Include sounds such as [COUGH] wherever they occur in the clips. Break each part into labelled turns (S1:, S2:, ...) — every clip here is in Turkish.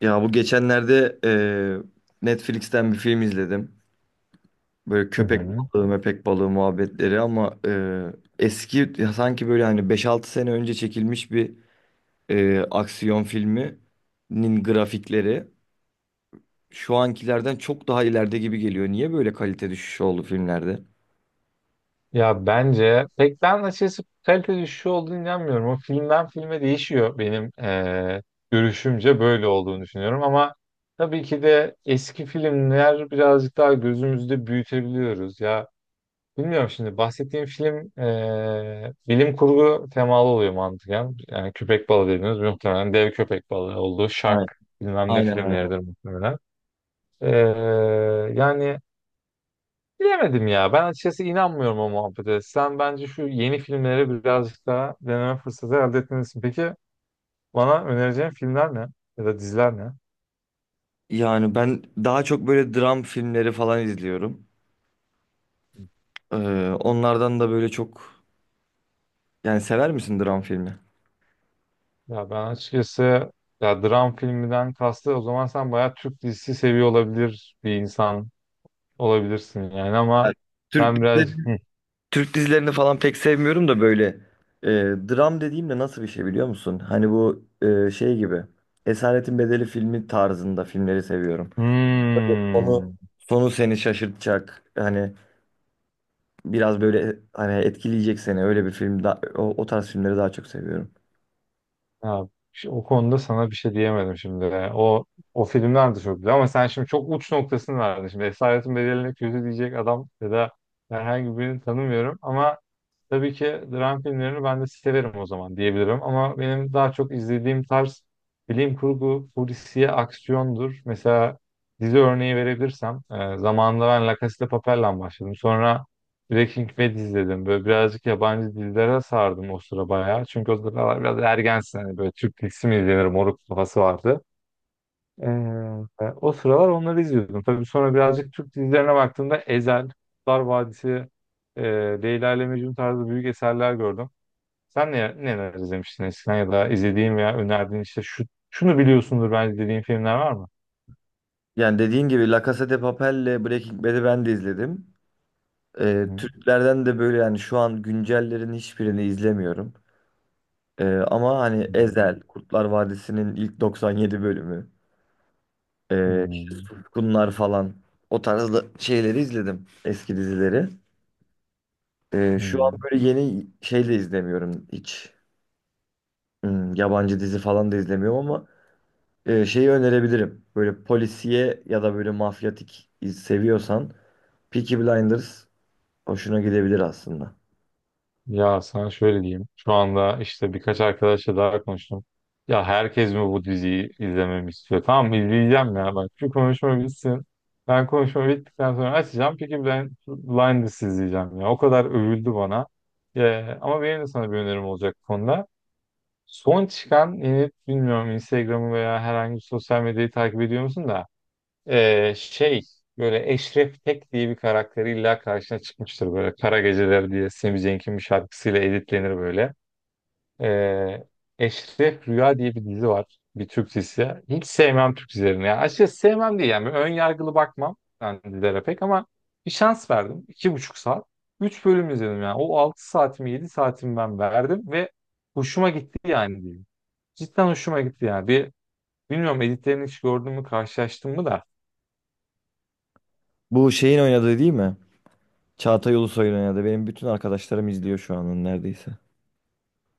S1: Ya bu geçenlerde Netflix'ten bir film izledim. Böyle
S2: Hı
S1: köpek
S2: hı.
S1: balığı, mepek balığı muhabbetleri ama eski, ya sanki böyle hani beş altı sene önce çekilmiş bir aksiyon filminin grafikleri şu ankilerden çok daha ileride gibi geliyor. Niye böyle kalite düşüşü oldu filmlerde?
S2: Ya bence pek ben açıkçası kalite düşüşü olduğunu inanmıyorum. O filmden filme değişiyor benim görüşümce böyle olduğunu düşünüyorum ama tabii ki de eski filmler birazcık daha gözümüzde büyütebiliyoruz. Ya bilmiyorum şimdi bahsettiğim film bilim kurgu temalı oluyor mantıken. Yani köpek balığı dediğimiz muhtemelen dev köpek balığı olduğu Shark
S1: Aynen,
S2: bilmem ne
S1: aynen. Aynen.
S2: filmleridir muhtemelen. Eee, yani bilemedim ya. Ben açıkçası inanmıyorum o muhabbete. Sen bence şu yeni filmleri birazcık daha deneme fırsatı elde etmelisin. Peki bana önereceğin filmler ne? Ya da diziler ne?
S1: Yani ben daha çok böyle dram filmleri falan izliyorum. E, Onlardan da böyle çok, yani sever misin dram filmi?
S2: Ya ben açıkçası ya dram filminden kastı o zaman sen bayağı Türk dizisi seviyor olabilir bir insan olabilirsin yani ama
S1: Evet. Türk
S2: ben birazcık Hı.
S1: Türk dizilerini falan pek sevmiyorum da böyle, e, dram dediğimde nasıl bir şey biliyor musun? Hani bu şey gibi, Esaretin Bedeli filmi tarzında filmleri seviyorum. Onu,
S2: Hmm.
S1: sonu seni şaşırtacak, hani biraz böyle hani etkileyecek seni, öyle bir film da, o tarz filmleri daha çok seviyorum.
S2: Ya, o konuda sana bir şey diyemedim şimdi. O o filmler de çok güzel ama sen şimdi çok uç noktasını verdin. Şimdi Esaretin bedeline kötü diyecek adam ya da herhangi birini tanımıyorum ama tabii ki dram filmlerini ben de severim o zaman diyebilirim ama benim daha çok izlediğim tarz bilim kurgu, polisiye, aksiyondur. Mesela dizi örneği verebilirsem zamanında ben La Casa de Papel'le başladım. Sonra Breaking Bad izledim. Böyle birazcık yabancı dizilere sardım o sıra bayağı. Çünkü o sıralar biraz ergensin. Hani böyle Türk dizisi mi izlenir moruk kafası vardı. O sıralar onları izliyordum. Tabii sonra birazcık Türk dizilerine baktığımda Ezel, Kurtlar Vadisi, e, Leyla ile Mecnun tarzı büyük eserler gördüm. Sen neler izlemiştin eskiden ya da izlediğin veya önerdiğin işte şunu biliyorsundur bence dediğin filmler var mı?
S1: Yani dediğin gibi La Casa de Papel'le Breaking Bad'i ben de izledim. E,
S2: Hı,
S1: Türklerden de böyle yani şu an güncellerin hiçbirini izlemiyorum. E, ama hani Ezel, Kurtlar Vadisi'nin ilk 97 bölümü.
S2: hı,
S1: İşte Suskunlar falan, o tarzda şeyleri izledim, eski dizileri.
S2: hı,
S1: Şu an
S2: hı.
S1: böyle yeni şey de izlemiyorum hiç. Hmm, yabancı dizi falan da izlemiyorum ama şeyi önerebilirim. Böyle polisiye ya da böyle mafyatik seviyorsan, Peaky Blinders hoşuna gidebilir aslında.
S2: Ya sana şöyle diyeyim. Şu anda işte birkaç arkadaşla daha konuştum. Ya herkes mi bu diziyi izlememi istiyor? Tamam izleyeceğim ya. Bak şu konuşma bitsin. Ben konuşma bittikten sonra açacağım. Peki ben Blinders izleyeceğim ya. O kadar övüldü bana. Ya, ama benim de sana bir önerim olacak bu konuda. Son çıkan yeni bilmiyorum Instagram'ı veya herhangi bir sosyal medyayı takip ediyor musun da şey böyle Eşref Tek diye bir karakter illa karşına çıkmıştır böyle Kara Geceler diye Sami Cenk'in bir şarkısıyla editlenir böyle. Ee, Eşref Rüya diye bir dizi var. Bir Türk dizisi. Hiç sevmem Türk dizilerini. Yani açıkçası sevmem değil yani. Ön yargılı bakmam ben dizilere pek ama bir şans verdim. 2,5 saat. 3 bölüm izledim yani. O 6 saatimi 7 saatimi ben verdim ve hoşuma gitti yani diyeyim. Cidden hoşuma gitti yani. Bilmiyorum editlerini hiç gördün mü karşılaştın mı da
S1: Bu şeyin oynadığı değil mi? Çağatay Ulusoy'un oynadığı. Benim bütün arkadaşlarım izliyor şu an neredeyse.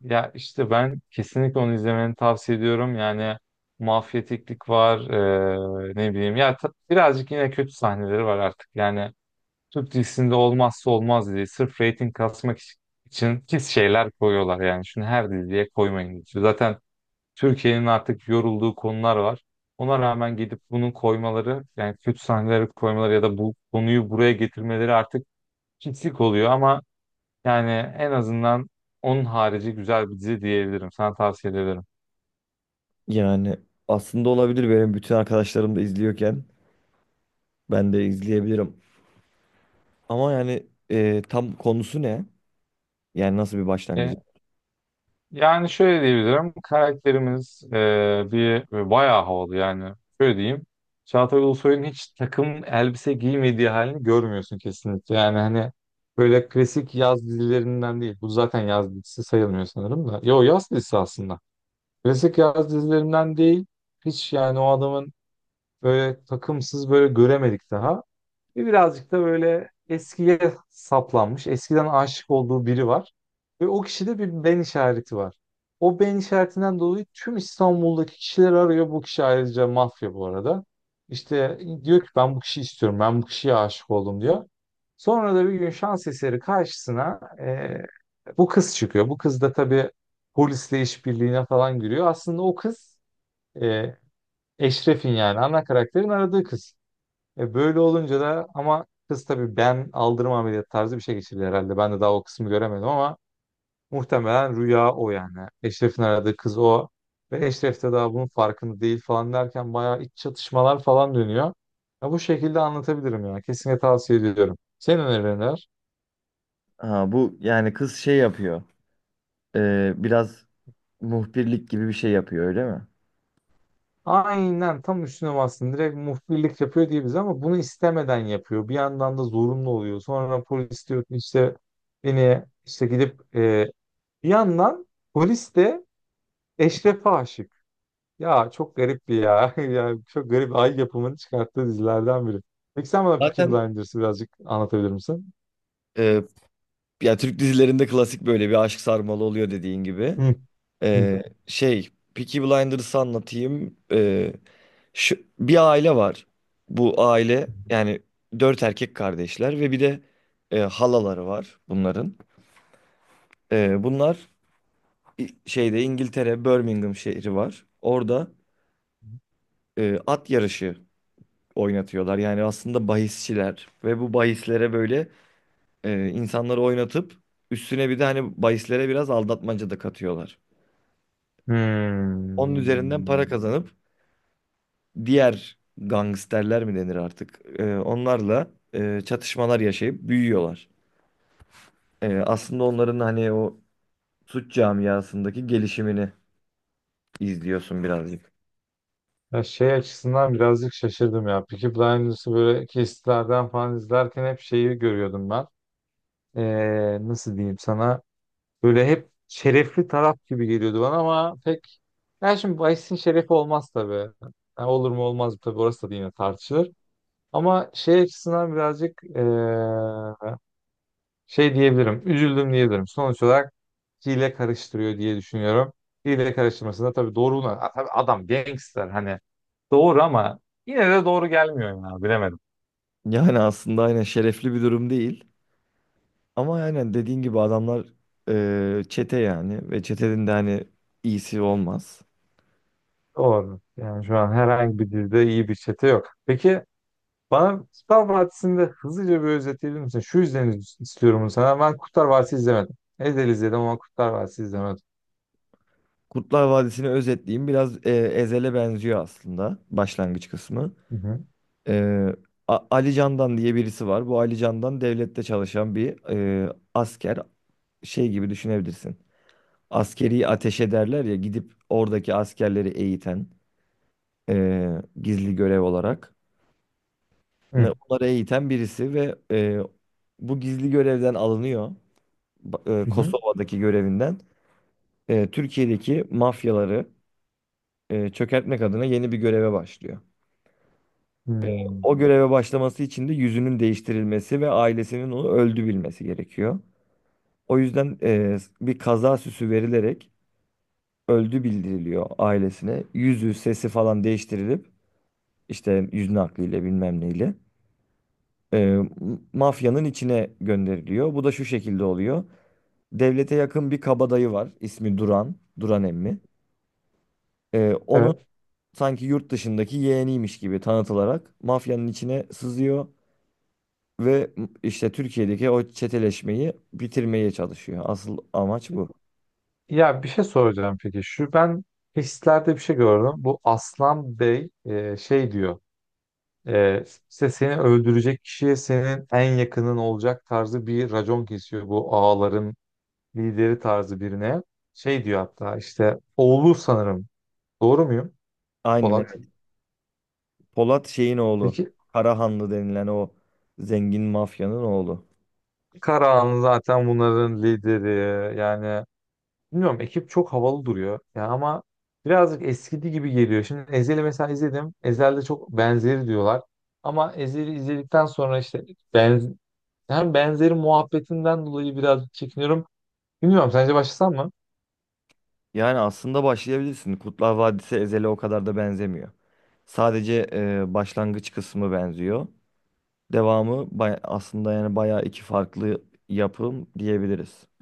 S2: ya işte ben kesinlikle onu izlemeni tavsiye ediyorum. Yani mafyatiklik var, ne bileyim. Ya birazcık yine kötü sahneleri var artık. Yani Türk dizisinde olmazsa olmaz diye sırf reyting kasmak için pis şeyler koyuyorlar yani. Şunu her diziye koymayın diyor. Zaten Türkiye'nin artık yorulduğu konular var. Ona rağmen gidip bunu koymaları, yani kötü sahneleri koymaları ya da bu konuyu buraya getirmeleri artık pislik oluyor ama yani en azından onun harici güzel bir dizi diyebilirim. Sana tavsiye ederim.
S1: Yani aslında olabilir, benim bütün arkadaşlarım da izliyorken ben de izleyebilirim. Ama yani tam konusu ne? Yani nasıl bir başlangıcı?
S2: E, Yani şöyle diyebilirim. Karakterimiz bir bayağı havalı yani. Şöyle diyeyim. Çağatay Ulusoy'un hiç takım elbise giymediği halini görmüyorsun kesinlikle. Yani hani böyle klasik yaz dizilerinden değil. Bu zaten yaz dizisi sayılmıyor sanırım da. Yo, yaz dizisi aslında. Klasik yaz dizilerinden değil. Hiç yani o adamın böyle takımsız böyle göremedik daha. Ve birazcık da böyle eskiye saplanmış, eskiden aşık olduğu biri var. Ve o kişide bir ben işareti var. O ben işaretinden dolayı tüm İstanbul'daki kişileri arıyor. Bu kişi ayrıca mafya bu arada. İşte diyor ki ben bu kişiyi istiyorum, ben bu kişiye aşık oldum diyor. Sonra da bir gün şans eseri karşısına bu kız çıkıyor. Bu kız da tabii polisle işbirliğine falan giriyor. Aslında o kız e, Eşref'in yani ana karakterin aradığı kız. E böyle olunca da ama kız tabii ben aldırma ameliyatı tarzı bir şey geçirdi herhalde. Ben de daha o kısmı göremedim ama muhtemelen rüya o yani. Eşref'in aradığı kız o. Ve Eşref de daha bunun farkında değil falan derken bayağı iç çatışmalar falan dönüyor. Ya bu şekilde anlatabilirim ya. Kesinlikle tavsiye ediyorum. Senin önerilerin neler?
S1: Ha, bu yani kız şey yapıyor. Biraz muhbirlik gibi bir şey yapıyor, öyle mi?
S2: Aynen tam üstüne bastın. Direkt muhbirlik yapıyor diye bize ama bunu istemeden yapıyor. Bir yandan da zorunlu oluyor. Sonra polis diyor ki işte beni işte gidip bir yandan polis de Eşref'e aşık. Ya çok garip bir ya. [LAUGHS] Yani çok garip Ay yapımını çıkarttığı dizilerden biri. Peki sen bana Peaky
S1: Zaten
S2: Blinders'ı birazcık anlatabilir misin?
S1: e, ya, Türk dizilerinde klasik böyle bir aşk sarmalı oluyor dediğin gibi.
S2: Hı, hı.
S1: Şey, Peaky Blinders'ı anlatayım. Şu, bir aile var. Bu aile yani dört erkek kardeşler ve bir de halaları var bunların. Bunlar şeyde, İngiltere Birmingham şehri var. Orada at yarışı oynatıyorlar. Yani aslında bahisçiler ve bu bahislere böyle insanları oynatıp üstüne bir de hani bahislere biraz aldatmaca da katıyorlar. Onun üzerinden para
S2: Hmm.
S1: kazanıp, diğer gangsterler mi denir artık, onlarla çatışmalar yaşayıp büyüyorlar. E, aslında onların hani o suç camiasındaki gelişimini izliyorsun birazcık.
S2: Ya şey açısından birazcık şaşırdım ya. Peaky Blinders'ı böyle kesitlerden falan izlerken hep şeyi görüyordum ben. Nasıl diyeyim sana? Böyle hep şerefli taraf gibi geliyordu bana ama pek... Ya şimdi Vice'in şerefi olmaz tabii. Ha, olur mu olmaz mı tabii orası da yine tartışılır. Ama şey açısından birazcık şey diyebilirim. Üzüldüm diyebilirim. Sonuç olarak hile karıştırıyor diye düşünüyorum. Hile karıştırmasında tabii doğru tabii adam gangster hani doğru ama yine de doğru gelmiyor ya bilemedim.
S1: Yani aslında aynen şerefli bir durum değil. Ama aynen dediğin gibi adamlar çete, yani ve çetenin de hani iyisi olmaz.
S2: Doğru. Yani şu an herhangi bir dilde iyi bir çete yok. Peki bana Kurtlar Vadisi'nde hızlıca bir özetleyebilir misin? Şu yüzden istiyorum bunu sana. Ben Kurtlar Vadisi izlemedim. Ezel izledim ama Kurtlar Vadisi izlemedim.
S1: Kurtlar Vadisi'ni özetleyeyim. Biraz Ezel'e benziyor aslında başlangıç kısmı.
S2: Hı hı.
S1: Eee, Ali Candan diye birisi var. Bu Ali Candan devlette çalışan bir asker. Şey gibi düşünebilirsin. Askeri ateş ederler ya, gidip oradaki askerleri eğiten, gizli görev olarak.
S2: Hı
S1: Onları eğiten birisi ve bu gizli görevden alınıyor.
S2: hı. Hı.
S1: Kosova'daki görevinden Türkiye'deki mafyaları çökertmek adına yeni bir göreve başlıyor.
S2: Hmm.
S1: O göreve başlaması için de yüzünün değiştirilmesi ve ailesinin onu öldü bilmesi gerekiyor. O yüzden bir kaza süsü verilerek öldü bildiriliyor ailesine. Yüzü, sesi falan değiştirilip, işte yüz nakliyle bilmem neyle e, mafyanın içine gönderiliyor. Bu da şu şekilde oluyor. Devlete yakın bir kabadayı var. İsmi Duran, Duran emmi. Onun
S2: Evet.
S1: sanki yurt dışındaki yeğeniymiş gibi tanıtılarak mafyanın içine sızıyor ve işte Türkiye'deki o çeteleşmeyi bitirmeye çalışıyor. Asıl amaç bu.
S2: Ya bir şey soracağım peki. Şu ben hislerde bir şey gördüm. Bu Aslan Bey şey diyor. E, işte seni öldürecek kişiye senin en yakının olacak tarzı bir racon kesiyor bu ağaların lideri tarzı birine. Şey diyor hatta işte oğlu sanırım. Doğru muyum
S1: Aynen
S2: Polat?
S1: evet. Polat şeyin oğlu.
S2: Peki
S1: Karahanlı denilen o zengin mafyanın oğlu.
S2: Karahan zaten bunların lideri yani. Bilmiyorum ekip çok havalı duruyor. Ya ama birazcık eskidi gibi geliyor. Şimdi Ezel'i mesela izledim. Ezel'de çok benzeri diyorlar. Ama Ezel'i izledikten sonra işte benz hem benzeri muhabbetinden dolayı birazcık çekiniyorum. Bilmiyorum sence başlasam mı?
S1: Yani aslında başlayabilirsin. Kurtlar Vadisi Ezel'e o kadar da benzemiyor. Sadece başlangıç kısmı benziyor. Devamı aslında yani bayağı iki farklı yapım diyebiliriz.